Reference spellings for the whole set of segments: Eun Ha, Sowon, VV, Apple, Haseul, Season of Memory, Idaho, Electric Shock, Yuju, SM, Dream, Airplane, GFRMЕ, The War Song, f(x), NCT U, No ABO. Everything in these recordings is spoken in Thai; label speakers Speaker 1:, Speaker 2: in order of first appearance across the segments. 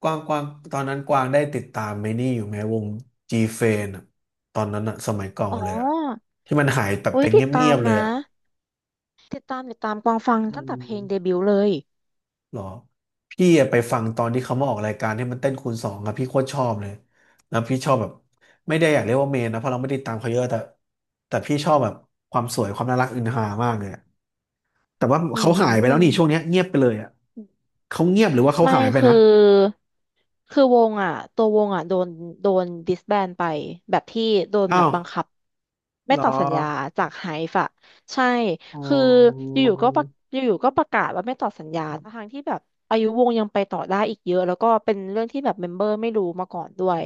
Speaker 1: กวางกวางตอนนั้นกวางได้ติดตามไอ้นี่อยู่ไหมวง G f a n อะตอนนั้นอะสมัยเก่า
Speaker 2: อ๋
Speaker 1: เลยอะ
Speaker 2: อ
Speaker 1: ที่มันหายแบบ
Speaker 2: อุ้
Speaker 1: ไป
Speaker 2: ย
Speaker 1: เ
Speaker 2: ติดตา
Speaker 1: งี
Speaker 2: ม
Speaker 1: ยบๆเลย
Speaker 2: นะ
Speaker 1: อะ
Speaker 2: ติดตามติดตามกวางฟัง
Speaker 1: อื
Speaker 2: ตั้งแต่เพ
Speaker 1: ม
Speaker 2: ลงเดบิวต์เลย
Speaker 1: หรอพี่อะไปฟังตอนที่เขามาออกรายการที่มันเต้นคูณสองอะพี่โคตรชอบเลยแล้วพี่ชอบแบบไม่ได้อยากเรียกว่าเมนนะเพราะเราไม่ได้ตามเขาเยอะแต่พี่ชอบแบบความสวยความน่ารักอินหามากเลยอะแต่ว่า
Speaker 2: อื
Speaker 1: เขาหายไปแล้วนี่ช่วง
Speaker 2: ม
Speaker 1: เนี้ยเงียบไปเลยอะเขาเงียบหรือว่าเขา
Speaker 2: ไม่
Speaker 1: หายไป
Speaker 2: คือ
Speaker 1: นะ
Speaker 2: คือวงอ่ะตัววงอ่ะโดนดิสแบนไปแบบที่โดนแบ
Speaker 1: อ้า
Speaker 2: บ
Speaker 1: ว
Speaker 2: บังคับไม่
Speaker 1: เหรอ
Speaker 2: ต่อสัญญาจากไฮฟ์อะใช่
Speaker 1: อ๋อ
Speaker 2: คืออยู่ๆก็ประอยู่ๆก็ประกาศว่าไม่ต่อสัญญาทางที่แบบอายุวงยังไปต่อได้อีกเยอะแล้วก็เป็นเรื่องที่แบบเมมเบอร์ไม่รู้มาก่อนด้วย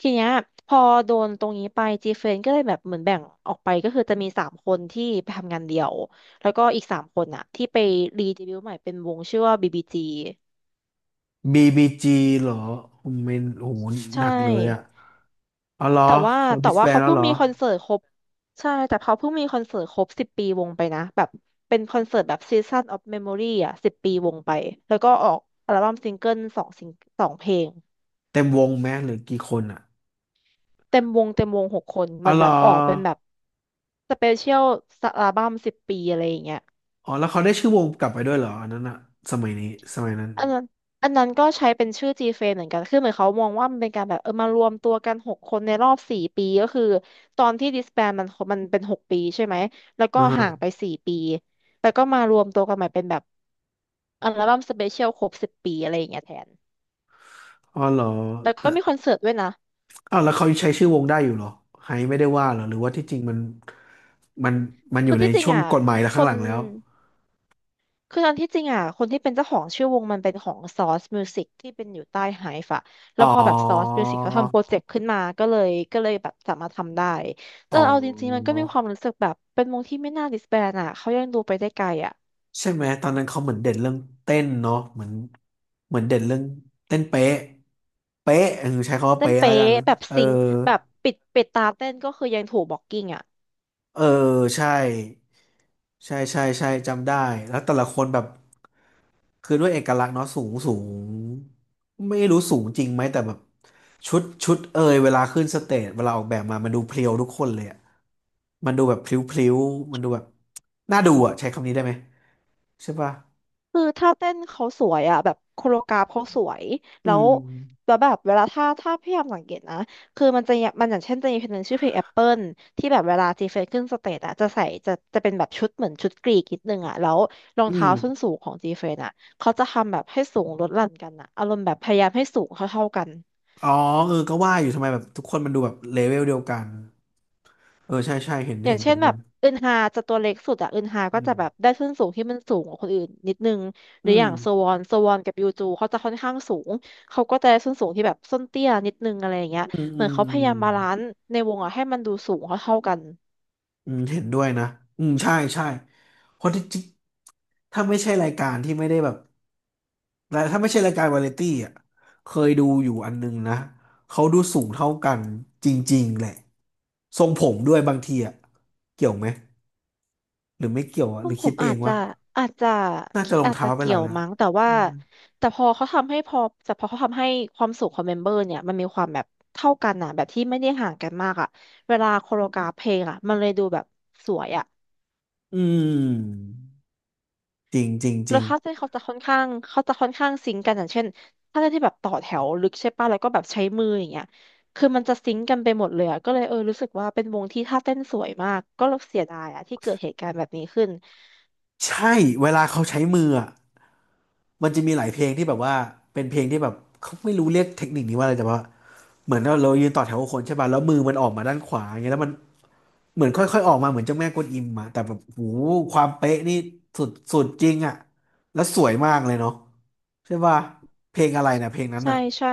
Speaker 2: ทีเนี้ยพอโดนตรงนี้ไปจีเฟนก็เลยแบบเหมือนแบ่งออกไปก็คือจะมีสามคนที่ไปทำงานเดี่ยวแล้วก็อีกสามคนอะที่ไปรีเดบิวต์ใหม่เป็นวงชื่อว่าบีบีจี
Speaker 1: BBG เหรอผมเมนโอ้โหห
Speaker 2: ใช่
Speaker 1: นักเลยอ่ะอ๋อเหรอ
Speaker 2: แต่ว่า
Speaker 1: เขา
Speaker 2: แต่
Speaker 1: ดิส
Speaker 2: ว่า
Speaker 1: แบน
Speaker 2: เขา
Speaker 1: แล้ว
Speaker 2: เพิ่
Speaker 1: เห
Speaker 2: ง
Speaker 1: รอ
Speaker 2: มีคอนเสิร์ตครบใช่แต่เขาเพิ่งมีคอนเสิร์ตครบสิบปีวงไปนะแบบเป็นคอนเสิร์ตแบบ Season of Memory อ่ะ10 ปีวงไปแล้วก็ออกอัลบั้มซิงเกิล2 เพลง
Speaker 1: เต็มวงไหมหรือกี่คนอ่ะ
Speaker 2: เต็มวงเต็มวงหกคนเห
Speaker 1: อ๋อ
Speaker 2: มัน
Speaker 1: เหร
Speaker 2: แบ
Speaker 1: อ
Speaker 2: บออกเป็นแบบสเปเชียลอัลบั้มสิบปีอะไรอย่างเงี้ย
Speaker 1: อ๋อแล้วเขาได้ชื่อวงกลับไปด้วยเหรออันนั้นอ่ะ สมัยนี้ สมัยนั้น
Speaker 2: อันนั้นอันนั้นก็ใช้เป็นชื่อ g f r m e เหมือนกัน คือเหมือนเขามองว่ามันเป็นการแบบเออมารวมตัวกันหกคนในรอบสี่ปีก็คือตอนที่ disband มันเป็น6 ปีใช่ไหม แล้วก็
Speaker 1: อ่า
Speaker 2: ห่างไป
Speaker 1: ฮะ
Speaker 2: 4 ปีแล้วก็มารวมตัวกันใหม่เป็นแบบอัลบั้มสเปเชียลครบสิบปีอะไรอย่างเงี้ยแทน
Speaker 1: อ๋อเหรอ
Speaker 2: แล้วก็
Speaker 1: แต่
Speaker 2: มีคอนเสิร์ตด้วยนะ
Speaker 1: อ้าวแล้วเขายังใช้ชื่อวงได้อยู่เหรอไฮไม่ได้ว่าเหรอหรือว่าที่จริงมันมันมันอ
Speaker 2: คือ
Speaker 1: ยู่ใน
Speaker 2: ที่จริง
Speaker 1: ช่วง
Speaker 2: อ่ะ
Speaker 1: กฎหมายแล้ว
Speaker 2: ค
Speaker 1: ข้างห
Speaker 2: น
Speaker 1: ลังแล้ว
Speaker 2: คือตอนที่จริงอ่ะคนที่เป็นเจ้าของชื่อวงมันเป็นของซอสมิวสิกที่เป็นอยู่ใต้ไฮฟ์อะแล้
Speaker 1: อ๋อ
Speaker 2: วพอแบบซอสมิวสิกเขาทำโปรเจกต์ขึ้นมาก็เลยแบบสามารถทำได้แต่
Speaker 1: อ๋อ
Speaker 2: เอาจริงๆมันก็มีความรู้สึกแบบเป็นวงที่ไม่น่าดิสแบนอ่ะเขายังดูไปได้ไกลอ่ะ
Speaker 1: ใช่ไหมตอนนั้นเขาเหมือนเด่นเรื่องเต้นเนาะเหมือนเหมือนเด่นเรื่องเต้นเป๊ะเป๊ะเออใช้คำว่า
Speaker 2: เต้น
Speaker 1: เป๊ะแล้วกั
Speaker 2: เป๊ะ
Speaker 1: น
Speaker 2: แบบ
Speaker 1: เออ
Speaker 2: ซิงค์แบบปิดตาเต้นก็คือยังถูกบล็อกกิ้งอ่ะ
Speaker 1: เออใช่ใช่จำได้แล้วแต่ละคนแบบคือด้วยเอกลักษณ์เนาะสูงสูงไม่รู้สูงจริงไหมแต่แบบชุดชุดเอยเวลาขึ้นสเตจเวลาออกแบบมามันดูเพรียวทุกคนเลยอะมันดูแบบพลิ้วพลิ้วมันดูแบบน่าดูอะใช้คำนี้ได้ไหมใช่ป่ะ
Speaker 2: คือท่าเต้นเขาสวยอ่ะแบบโคโรกราฟเขาสวย
Speaker 1: อื
Speaker 2: แล้ว
Speaker 1: ม
Speaker 2: แล้วแบบเวลาถ้าพยายามสังเกตนะคือมันจะอย่างมันอย่างเช่นจะมีเพลงหนึ่งชื่อเพลงแอปเปิลที่แบบเวลาจีเฟสขึ้นสเตจอ่ะจะเป็นแบบชุดเหมือนชุดกรีกนิดนึงอ่ะแล้วรอง
Speaker 1: อืม
Speaker 2: เท้าส้นสูงของจีเฟสอ่ะเขาจะทำแบบให้สูงลดหลั่นกันอ่ะอารมณ์แบบพยายามให้สูงเท่าๆกัน
Speaker 1: อ๋อเออก็ว่าอยู่ทำไมแบบทุกคนมันดูแบบเลเวลเดียวกันเออใช่ใช่เห็น
Speaker 2: อย่า
Speaker 1: เห็
Speaker 2: ง
Speaker 1: นเห
Speaker 2: เช่
Speaker 1: มือ
Speaker 2: น
Speaker 1: น
Speaker 2: แบ
Speaker 1: กัน
Speaker 2: บอึนฮาจะตัวเล็กสุดอะอึนฮา
Speaker 1: อื
Speaker 2: ก็จะ
Speaker 1: ม
Speaker 2: แบบได้ส้นสูงที่มันสูงกว่าคนอื่นนิดนึงห
Speaker 1: อื
Speaker 2: รืออ
Speaker 1: ม
Speaker 2: ย่างโซวอนโซวอนกับยูจูเขาจะค่อนข้างสูงเขาก็จะได้ส้นสูงที่แบบส้นเตี้ยนิดนึงอะไรอย่างเงี้ย
Speaker 1: อืม
Speaker 2: เห
Speaker 1: อื
Speaker 2: มือนเขาพยายามบา
Speaker 1: ม
Speaker 2: ลานซ์ในวงอะให้มันดูสูงเท่าๆกัน
Speaker 1: อืมเห็นด้วยนะอืมใช่ใช่เพราะที่จริงถ้าไม่ใช่รายการที่ไม่ได้แบบและถ้าไม่ใช่รายการวาไรตี้อ่ะเคยดูอยู่อันนึงนะเขาดูสูงเท่ากันจริงๆแหละทรงผมด้วยบางทีอ่ะเกี่ยวไหมหรือไม่เกี่ยวอ่ะ
Speaker 2: ผ
Speaker 1: หรื
Speaker 2: ม
Speaker 1: อ
Speaker 2: ผ
Speaker 1: คิด
Speaker 2: ม
Speaker 1: ไปเองวะ
Speaker 2: อาจจะ
Speaker 1: น่าจะรอง
Speaker 2: อาจจะ
Speaker 1: เท้าเป็นห
Speaker 2: เกี่
Speaker 1: ลั
Speaker 2: ย
Speaker 1: ก
Speaker 2: ว
Speaker 1: แล้ว
Speaker 2: มั้งแต่
Speaker 1: อื
Speaker 2: ว่า
Speaker 1: ม
Speaker 2: แต่พอเขาทำให้พอแต่พอเขาทำให้ความสูงของเมมเบอร์เนี่ยมันมีความแบบเท่ากันอะแบบที่ไม่ได้ห่างกันมากอะเวลาโคโรกราฟเพลงอะมันเลยดูแบบสวยอะ
Speaker 1: อืมจริงจริงจ
Speaker 2: แล้
Speaker 1: ริ
Speaker 2: ว
Speaker 1: ง
Speaker 2: คลาสเต้นเขาจะค่อนข้างซิงก์กันอย่างเช่นถ้าเต้นที่แบบต่อแถวลึกใช่ป่ะแล้วก็แบบใช้มืออย่างเงี้ยคือมันจะซิงก์กันไปหมดเลยอะก็เลยเออรู้สึกว่าเป็นวงที่ท่าเต้นสวยมากก็เสียดายอะที่เกิดเหตุการณ์แบบนี้ขึ้น
Speaker 1: ใช่เวลาเขาใช้มืออะมันจะมีหลายเพลงที่แบบว่าเป็นเพลงที่แบบเขาไม่รู้เรียกเทคนิคนี้ว่าอะไรแต่ว่าเหมือนเรายืนต่อแถวกับคนใช่ป่ะแล้วมือมันออกมาด้านขวาอย่างเงี้ยแล้วมันเหมือนค่อยๆออกมาเหมือนเจ้าแม่กวนอิมอะแต่แบบโหความเป๊ะนี่สุดสุดจริงอะแล้วสวยมากเลยเนาะใช่ป่ะเพลงอะไรนะเพลงนั้น
Speaker 2: ใช่
Speaker 1: อะ
Speaker 2: ใช่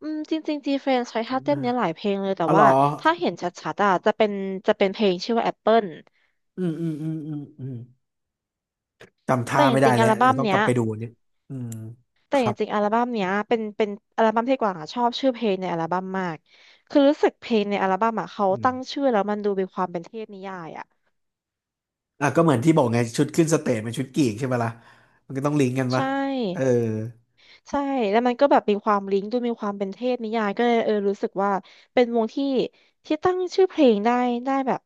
Speaker 2: อืมจริงๆจีเฟนใช้ท่าเต้นเนี้ยหลายเพลงเลยแต่
Speaker 1: อ๋อเหร
Speaker 2: ว่า
Speaker 1: อ
Speaker 2: ถ้าเห็นชัดๆอะจะเป็นเพลงชื่อว่าแอปเปิล
Speaker 1: อืมอืมอืมอืมอืมจำ
Speaker 2: แต่
Speaker 1: ท่า
Speaker 2: จ
Speaker 1: ไม่ได้
Speaker 2: ริงๆอั
Speaker 1: แล้ว
Speaker 2: ล
Speaker 1: เดี๋
Speaker 2: บั้
Speaker 1: ย
Speaker 2: ม
Speaker 1: วต้องก
Speaker 2: เนี้
Speaker 1: ลั
Speaker 2: ย
Speaker 1: บไปดูอันเนี่ยอืม
Speaker 2: แต่
Speaker 1: ค
Speaker 2: จ
Speaker 1: รับ
Speaker 2: ริงๆอัลบั้มเนี้ยเป็นอัลบั้มที่กวางอะชอบชื่อเพลงในอัลบั้มมากคือรู้สึกเพลงในอัลบั้มอะเขา
Speaker 1: อืม
Speaker 2: ตั้งชื่อแล้วมันดูมีความเป็นเทพนิยายอะ
Speaker 1: อ่ะก็เหมือนที่บอกไงชุดขึ้นสเตจเป็นชุดกรีกใช่ไหมล่ะมันก็ต้องลิงก์กันปะ
Speaker 2: ใช่
Speaker 1: เออ
Speaker 2: ใช่แล้วมันก็แบบมีความลิงก์ดูมีความเป็นเทพนิยายก็เลยเออรู้สึกว่าเป็นวงที่ตั้งชื่อเพลงได้แบบ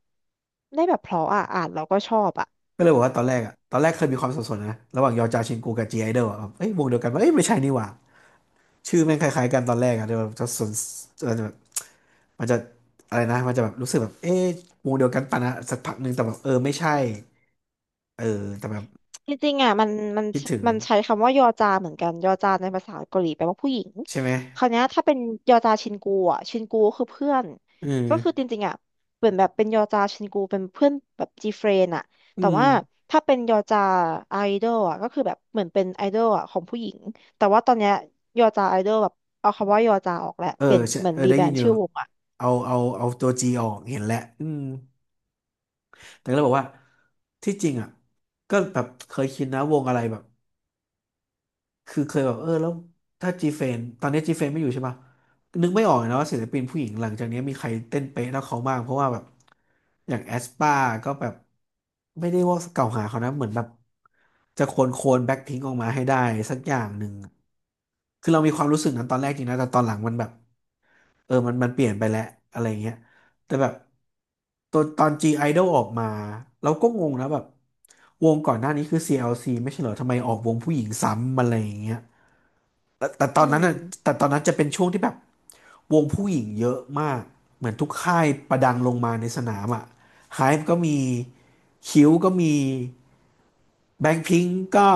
Speaker 2: ได้แบบเพราะอะอ่านแล้วก็ชอบอะ
Speaker 1: ก็เลยบอกว่าตอนแรกอ่ะตอนแรกเคยมีความสับสนนะระหว่างยอจาชินกูกับจีไอดอลอ่ะเอ้ยวงเดียวกันปะเอ้ยไม่ใช่นี่หว่าชื่อแม่งคล้ายๆกันตอนแรกอ่ะเดี๋ยวจะสนมันจะแบบมันจะอะไรนะมันจะแบบรู้สึกแบบเอ๊ะวงเดียวกันปะนะสักพักหนึ่งแต่แบบเออไม่ใช่เออแต่แบบ
Speaker 2: จริงๆอ่ะมัน
Speaker 1: คิดถึง
Speaker 2: มันใช้คำว่ายอจาเหมือนกันยอจาในภาษาเกาหลีแปลว่าผู้หญิง
Speaker 1: ใช่ไหม
Speaker 2: คราวเนี้ยถ้าเป็นยอจาชินกูอ่ะชินกูก็คือเพื่อน
Speaker 1: อื
Speaker 2: ก็คือจ
Speaker 1: ม
Speaker 2: ริงๆอ่ะเหมือนแบบเป็นยอจาชินกูเป็นเพื่อนแบบจีเฟรนอ่ะ
Speaker 1: อื
Speaker 2: แต่
Speaker 1: ม
Speaker 2: ว่าถ้าเป็นยอจาไอดอลอ่ะก็คือแบบเหมือนเป็นไอดอลอ่ะของผู้หญิงแต่ว่าตอนเนี้ยยอจาไอดอลแบบเอาคำว่ายอจาออกแหละ
Speaker 1: เออ
Speaker 2: เปลี่ยน
Speaker 1: ใช่
Speaker 2: เหมือน
Speaker 1: เออ
Speaker 2: รี
Speaker 1: ได้
Speaker 2: แบร
Speaker 1: ยิน
Speaker 2: น
Speaker 1: อ
Speaker 2: ด์
Speaker 1: ยู่
Speaker 2: ชื่อวงอ่ะ
Speaker 1: เอาตัวจีออกเห็นแล้วอืม แต่ก็เลยบอกว่าที่จริงอ่ะก็แบบเคยคิดนะวงอะไรแบบคือเคยแบบเออแล้วถ้าจีเฟนตอนนี้จีเฟนไม่อยู่ใช่ปะนึกไม่ออกเลยนะว่าศิลปินผู้หญิงหลังจากนี้มีใครเต้นเป๊ะเท่าเขาบ้างเพราะว่าแบบอย่างแอสปาก็แบบไม่ได้ว่าเกล่าวหาเขานะเหมือนแบบจะโคลนโคลนแบ็คพิงค์ออกมาให้ได้สักอย่างหนึ่งคือเรามีความรู้สึกนั้นตอนแรกจริงนะแต่ตอนหลังมันแบบเออมันเปลี่ยนไปแล้วอะไรเงี้ย แต่แบบตอนG Idol ออกมาเราก็งงนะแบบวงก่อนหน้านี้คือ CLC ไม่ใช่เหรอทำไมออกวงผู้หญิงซ้ำอะไรอย่างเงี้ยแต่ตอ
Speaker 2: อื
Speaker 1: นนั้นอ่ะ
Speaker 2: ม
Speaker 1: แต่ตอนนั้นจะเป็นช่วงที่แบบวงผู้หญิงเยอะมาก เหมือนทุกค่ายประดังลงมาในสนามอ่ะ HYBE ก็มีคิวก็มีแบงค์พิงก์ก็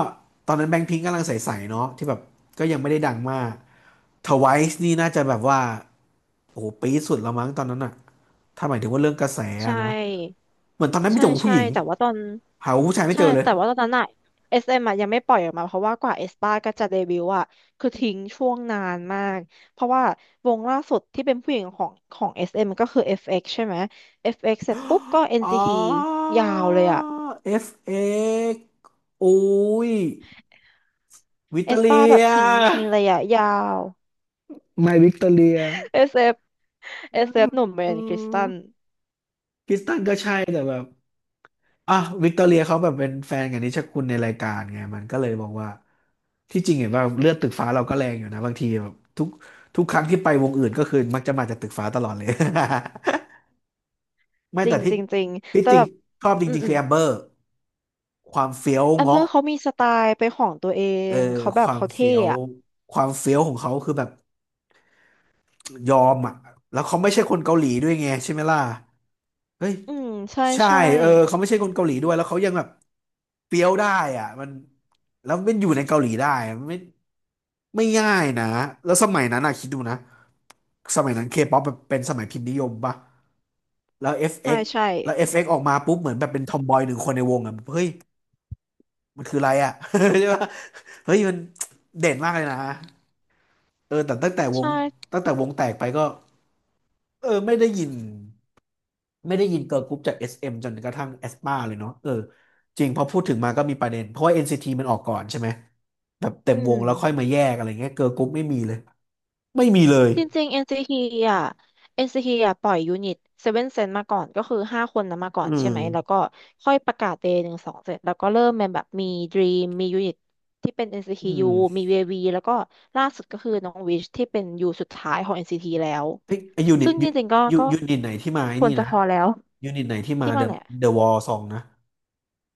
Speaker 1: ตอนนั้นแบงค์พิงก์กำลังใสๆเนาะที่แบบก็ยังไม่ได้ดังมาก TWICE นี่น่าจะแบบว่าโอ้โหปีดสุดแล้วมั้งตอนนั้นอ่ะถ้าหมายถึงว่าเรื่องกระแส
Speaker 2: ใช
Speaker 1: อะนะ
Speaker 2: ่
Speaker 1: เหมือนตอนนั้นมี
Speaker 2: ใช่
Speaker 1: แต่ผู้
Speaker 2: ใช่
Speaker 1: หญิง
Speaker 2: แต่ว่าตอน
Speaker 1: หาผู้ชายไม่
Speaker 2: ใช่
Speaker 1: เจอเลย
Speaker 2: แต่ว่าตอนนั้นอะ SM อสเอ็มอะยังไม่ปล่อยออกมาเพราะว่ากว่าเอสป้าก็จะเดบิวต์อะคือทิ้งช่วงนานมากเพราะว่าวงล่าสุดที่เป็นผู้หญิงของ SM ก็คือ FX ใช่ไหม FX เอ็กซ์เสร็จปุ๊บก็ n
Speaker 1: อ๋
Speaker 2: c ีที
Speaker 1: อ
Speaker 2: ยาวเลยอะ
Speaker 1: FX อุ้ยวิต
Speaker 2: เอ
Speaker 1: เตอ
Speaker 2: สป้า
Speaker 1: เลี
Speaker 2: แบ
Speaker 1: ย
Speaker 2: บทิ้งระยะยาว
Speaker 1: ไมวิกตอเรีย
Speaker 2: SF
Speaker 1: อืม
Speaker 2: SF หนุ่มเบร
Speaker 1: อื
Speaker 2: นคริสตัน
Speaker 1: มคริสตันก็ใช่แต่แบบอ่ะวิกตอเรียเขาแบบเป็นแฟนกับนิชคุณในรายการไงมันก็เลยบอกว่าที่จริงเห็นว่าเลือดตึกฟ้าเราก็แรงอยู่นะบางทีแบบทุกครั้งที่ไปวงอื่นก็คือมักจะมาจากตึกฟ้าตลอดเลย ไม่
Speaker 2: จริ
Speaker 1: แต่
Speaker 2: ง
Speaker 1: ที่
Speaker 2: จริงจริง
Speaker 1: ที่
Speaker 2: แต่
Speaker 1: จริ
Speaker 2: แบ
Speaker 1: ง
Speaker 2: บ
Speaker 1: ชอบจ
Speaker 2: อืม
Speaker 1: ริง
Speaker 2: อื
Speaker 1: ๆคื
Speaker 2: ม
Speaker 1: อแอมเบอร์ความเฟี้ยว
Speaker 2: แอมเมอ
Speaker 1: เงาะ
Speaker 2: ร์เขามีสไตล์เป็นของตัวเอ
Speaker 1: เออ
Speaker 2: งเขาแบ
Speaker 1: ค
Speaker 2: บ
Speaker 1: วาม
Speaker 2: เขาเท่
Speaker 1: เฟี้ยว
Speaker 2: อะ
Speaker 1: ของเขาคือแบบยอมอ่ะแล้วเขาไม่ใช่คนเกาหลีด้วยไงใช่ไหมล่ะเฮ้ย
Speaker 2: อืมใช่
Speaker 1: ใช่
Speaker 2: ใช่
Speaker 1: เออเขาไม่ใช่คนเกาหลีด้วยแล้วเขายังแบบเฟี้ยวได้อ่ะมันแล้วมันอยู่ในเกาหลีได้มันไม่ไม่ง่ายนะแล้วสมัยนั้นอ่ะคิดดูนะสมัยนั้นเคป๊อปเป็นสมัยพิมพ์นิยมปะแล้ว
Speaker 2: ใช่
Speaker 1: FX
Speaker 2: ใช่
Speaker 1: แล้ว FX อฟเอกซ์ออกมาปุ๊บเหมือนแบบเป็นทอมบอยหนึ่งคนในวงอ่ะเฮ้ยมันคืออะไรอ่ะ ใช่ปะเฮ้ยมันเด่นมากเลยนะ เออแต่ตั้งแต่ว
Speaker 2: ใช่
Speaker 1: งตั้งแต่วงแตกไปก็เออไม่ได้ยินไม่ได้ยินเกิร์ลกรุ๊ปจาก SM จนกระทั่งแอสปาเลยเนาะเออจริงพอพูดถึงมาก็มีประเด็นเพราะว่า NCT มันออกก่อนใช่ไหมแบบเต็ม
Speaker 2: อื
Speaker 1: วงแล้วค่อย
Speaker 2: ม
Speaker 1: มาแยกอะไรเงี้ยเกิร์ลกรุ๊ปไม่มีเลยไม่มีเลย
Speaker 2: จริงๆ NCT อนซีทีอ่ะ NCT อนซีทีอ่ะปล่อยยูนิตเซเว่นเซนมาก่อนก็คือห้าคนนะมาก่อ
Speaker 1: อื
Speaker 2: นใช่ไห
Speaker 1: ม
Speaker 2: มแล้วก็ค่อยประกาศเดย์หนึ่งสองเสร็จแล้วก็เริ่มเป็นแบบมี Dream มียูนิตที่เป็น
Speaker 1: อื
Speaker 2: NCTU มี
Speaker 1: ม
Speaker 2: VV แล้วก็ล่าสุดก็คือน้องวิชที่เป็นยูสุดท้ายของ NCT แล้ว
Speaker 1: ไอ้ยูนิต
Speaker 2: ซึ่ง
Speaker 1: ยู
Speaker 2: จริงๆก็ก็
Speaker 1: ยูนิตไหนที่มาไอ้
Speaker 2: คว
Speaker 1: นี่
Speaker 2: รจะ
Speaker 1: นะ
Speaker 2: พอแล้ว
Speaker 1: ยูนิตไหนที่มา
Speaker 2: ที่
Speaker 1: เด
Speaker 2: มา
Speaker 1: อะ
Speaker 2: เนี่ย
Speaker 1: เดอะวอลซองนะ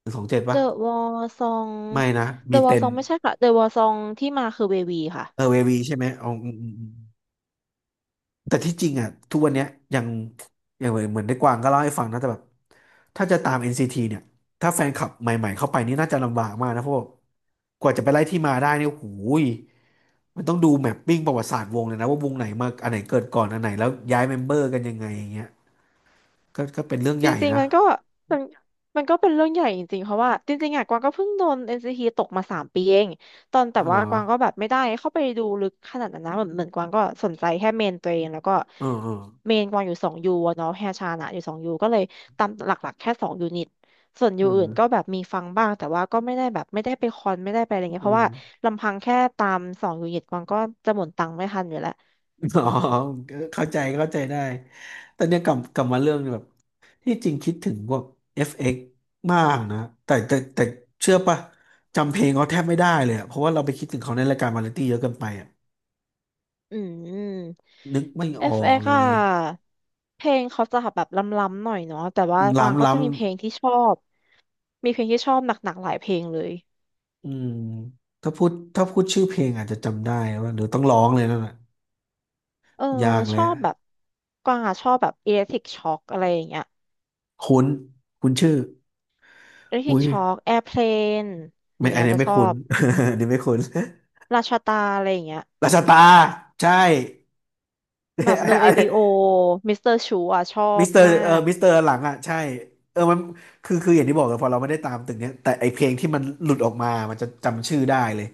Speaker 1: หนึ่งสองเจ็ดปะ
Speaker 2: The w a r Song
Speaker 1: ไม่นะมี
Speaker 2: The w a l
Speaker 1: เต็น
Speaker 2: Song ไม่ใช่ค่ะ The w a r Song ที่มาคือ VV ค่ะ
Speaker 1: เออเววีใช่ไหมอ๋ออืมอืมอืม แต่ที่จริงอ่ะทุกวันเนี้ยยังยังเหมือนได้กวางก็เล่าให้ฟังนะแต่แบบถ้าจะตาม NCT เนี่ยถ้าแฟนคลับใหม่ๆเข้าไปนี่น่าจะลำบากมากนะเพราะว่ากว่าจะไปไล่ที่มาได้เนี่ยโอ้โหยมันต้องดูแมปปิ้งประวัติศาสตร์วงเลยนะว่าวงไหนมาอันไหนเกิดก่อนอันไหนแล้วย้ายเมมเบอร์กันยังไงอย่างเงี้ยก็เป็นเรื่อง
Speaker 2: จ
Speaker 1: ใหญ่
Speaker 2: ริงๆ
Speaker 1: นะ
Speaker 2: มันก็มันมันก็เป็นเรื่องใหญ่จริงๆเพราะว่าจริงๆอ่ะกวางก็เพิ่งโดน NCT ตกมาสามปีเองตอนแต่
Speaker 1: อ๋อเหร
Speaker 2: ว่า
Speaker 1: อ
Speaker 2: กวางก็แบบไม่ได้เข้าไปดูลึกขนาดนั้นนะเหมือนกวางก็สนใจแค่เมนตัวเองแล้วก็
Speaker 1: เออเออ
Speaker 2: เมนกวางอยู่สองยูอะเนาะแฮชานะอยู่สองยูก็เลยตามหลักๆแค่สองยูนิตส่วนยู
Speaker 1: อื
Speaker 2: อื่นก็
Speaker 1: ม
Speaker 2: แบบมีฟังบ้างแต่ว่าก็ไม่ได้แบบไม่ได้ไปคอนไม่ได้ไปอะไร
Speaker 1: อื
Speaker 2: เงี้ยเพราะ
Speaker 1: ม
Speaker 2: ว่าลำพังแค่ตามสองยูนิตกวางก็จะหมดตังค์ไม่ทันอยู่แล้ว
Speaker 1: อ๋อเข้าใจเข้าใจได้แต่เนี่ยกลับมาเรื่องแบบที่จริงคิดถึงพวก FX มากนะแต่เชื่อปะจำเพลงเขาแทบไม่ได้เลยอะเพราะว่าเราไปคิดถึงเขาในรายการวาไรตี้เยอะเกินไปอะ
Speaker 2: อืม
Speaker 1: นึกไม่ออก
Speaker 2: FX
Speaker 1: เล
Speaker 2: อ่
Speaker 1: ย
Speaker 2: ะเพลงเขาจะแบบล้ำๆหน่อยเนาะแต่ว่ากวาง
Speaker 1: ล้ำ
Speaker 2: ก็
Speaker 1: ล้
Speaker 2: จะมีเพลงที่ชอบมีเพลงที่ชอบหนักๆหลายเพลงเลย
Speaker 1: ำอืมถ้าพูดชื่อเพลงอาจจะจำได้ว่าเดี๋ยวต้องร้องเลยนั่นแหละ
Speaker 2: เออ
Speaker 1: ยาก
Speaker 2: ชอ
Speaker 1: แล้ว
Speaker 2: บแบบกวางอ่ะชอบแบบ Electric Shock อคอะไรอย่างเงี้ย
Speaker 1: คุ้นคุ้นชื่ออุ้
Speaker 2: Electric
Speaker 1: ย
Speaker 2: Shock Airplane อคแอร์เพลนอ
Speaker 1: ไม่
Speaker 2: ย่าง
Speaker 1: อั
Speaker 2: เงี้
Speaker 1: น
Speaker 2: ย
Speaker 1: นี้
Speaker 2: จะ
Speaker 1: ไม่
Speaker 2: ชอ
Speaker 1: คุ้น
Speaker 2: บ
Speaker 1: อันนี้ไม่คุ้น
Speaker 2: ราชาตาอะไรอย่างเงี้ย
Speaker 1: ราชตาใช่
Speaker 2: แบบ No ABO Mr. Chu อ่ะชอบมาก
Speaker 1: มิสเตอร์หลังอ่ะใช่เออมันคืออย่างที่บอกเลยพอเราไม่ได้ตามตึกเนี้ยแต่ไอเพลงที่มันหลุดออกมามันจะจำชื่อได้เลย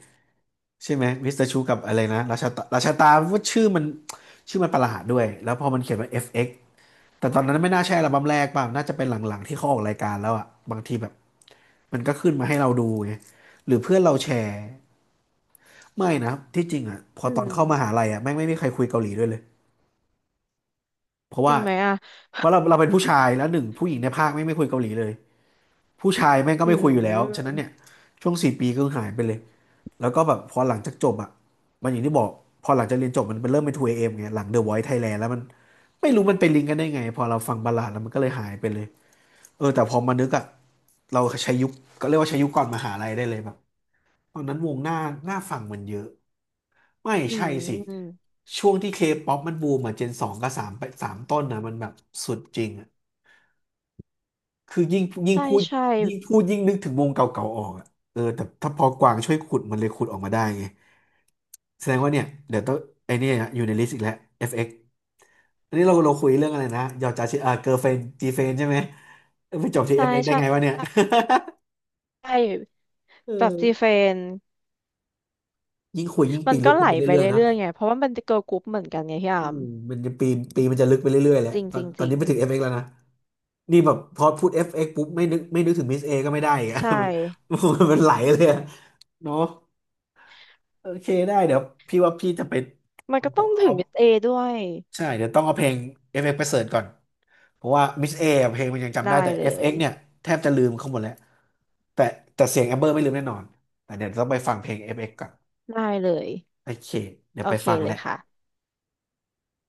Speaker 1: ใช่ไหมมิสเตอร์ชูกับอะไรนะราชาตาราชาตาว่าชื่อมันชื่อมันประหลาดด้วยแล้วพอมันเขียนว่า FX แต่ตอนนั้นไม่น่าใช่อัลบั้มแรกป่ะน่าจะเป็นหลังๆที่เขาออกรายการแล้วอ่ะบางทีแบบมันก็ขึ้นมาให้เราดูไงหรือเพื่อนเราแชร์ไม่นะที่จริงอ่ะพอ
Speaker 2: อื
Speaker 1: ตอนเข้ามหา
Speaker 2: ม
Speaker 1: ลัยอ่ะแม่งไม่มีใครคุยเกาหลีด้วยเลยเพราะ
Speaker 2: จ
Speaker 1: ว่า
Speaker 2: ริงไหมอ่ะ
Speaker 1: เพราะเราเป็นผู้ชายแล้วหนึ่งผู้หญิงในภาคไม่คุยเกาหลีเลย ผู้ชายแม่งก็
Speaker 2: อื
Speaker 1: ไม่คุยอยู่แล้ว ฉะนั้น
Speaker 2: ม
Speaker 1: เนี่ยช่วงสี่ปีก็หายไปเลย แล้วก็แบบพอหลังจากจบอ่ะมันอย่างที่บอกพอหลังจากเรียนจบมันเป็นเริ่มเป็น 2AM ไงหลัง The Voice Thailand แล้วมันไม่รู้มันไปลิงก์กันได้ไงพอเราฟังบัลลาดแล้วมันก็เลยหายไปเลยเออแต่พอมานึกอ่ะเราใช้ยุคก็เรียกว่าใช้ยุคก่อนมหาลัยได้เลยแบบตอนนั้นวงหน้าหน้าฟังมันเยอะไม่
Speaker 2: อื
Speaker 1: ใช่สิ
Speaker 2: ม
Speaker 1: ช่วงที่เคป๊อปมันบูมอ่ะเจนสองกับสามไปสามต้นนะมันแบบสุดจริงอะ คือยิ่ง
Speaker 2: ใช่
Speaker 1: พูด
Speaker 2: ใช่
Speaker 1: ยิ่งพูดยิ่งนึกถึงวงเก่าๆออกอะเออแต่ถ้าพอกวางช่วยขุดมันเลยขุดออกมาได้ไงแสดงว่าเนี่ยเดี๋ยวต้องไอเนี่ยอยู่ในลิสต์อีกแล้ว FX อฟเอ็กซ์อันนี้เราคุยเรื่องอะไรนะยอจาชิอ่าเกิร์ลเฟรนจีเฟนใช่ไหมเออไปจบที่
Speaker 2: ใช่
Speaker 1: FX ได้
Speaker 2: ใช่
Speaker 1: ไงวะเนี่ย
Speaker 2: ใช่
Speaker 1: เอ
Speaker 2: แบบ
Speaker 1: อ
Speaker 2: จีเฟน
Speaker 1: ยิ่งคุยยิ่ง
Speaker 2: มั
Speaker 1: ปี
Speaker 2: น
Speaker 1: นลึ
Speaker 2: ก็
Speaker 1: ก
Speaker 2: ไหล
Speaker 1: ขึ้นไป
Speaker 2: ไป
Speaker 1: เรื่อยๆเนาะ
Speaker 2: เรื่อยๆไง เพราะว่ามันเป็นเกิร์ลกรุ๊ปเหมือนกันไงพี่
Speaker 1: อื
Speaker 2: อาม
Speaker 1: มมันจะปีนปีมันจะลึกไปเรื่อยๆแหละ
Speaker 2: จริงจริง
Speaker 1: ตอ
Speaker 2: จ
Speaker 1: น
Speaker 2: ริ
Speaker 1: นี้
Speaker 2: ง
Speaker 1: ไปถึง FX แล้วนะนี่แบบพอพูด FX ปุ๊บไม่นึกถึงมิสเอก็ไม่ได้อีกอะ
Speaker 2: ใช่
Speaker 1: มันไหลเลยอะเนาะ โอเคได้เดี๋ยวพี่ว่าพี่จะไป
Speaker 2: มันก็ต้องถึง
Speaker 1: เอา
Speaker 2: มิสเอด้วย
Speaker 1: ใช่เดี๋ยวต้องเอาเพลง FX ไปเสิร์ชก่อนเพราะว่า Miss A อะเพลงมันยังจำ
Speaker 2: ได้
Speaker 1: ได้แต่
Speaker 2: เล
Speaker 1: FX เอ็
Speaker 2: ย
Speaker 1: กซ์เนี่ยแทบจะลืมเขาหมดแล้วแต่แต่เสียงแอมเบอร์ไม่ลืมแน่นอนแต่เดี๋ยวต้องไปฟังเพลง FX กซ์ก่อน
Speaker 2: ได้เลย
Speaker 1: โอเคเดี๋ย
Speaker 2: โอ
Speaker 1: วไป
Speaker 2: เค
Speaker 1: ฟัง
Speaker 2: เล
Speaker 1: แหละ
Speaker 2: ยค่ะ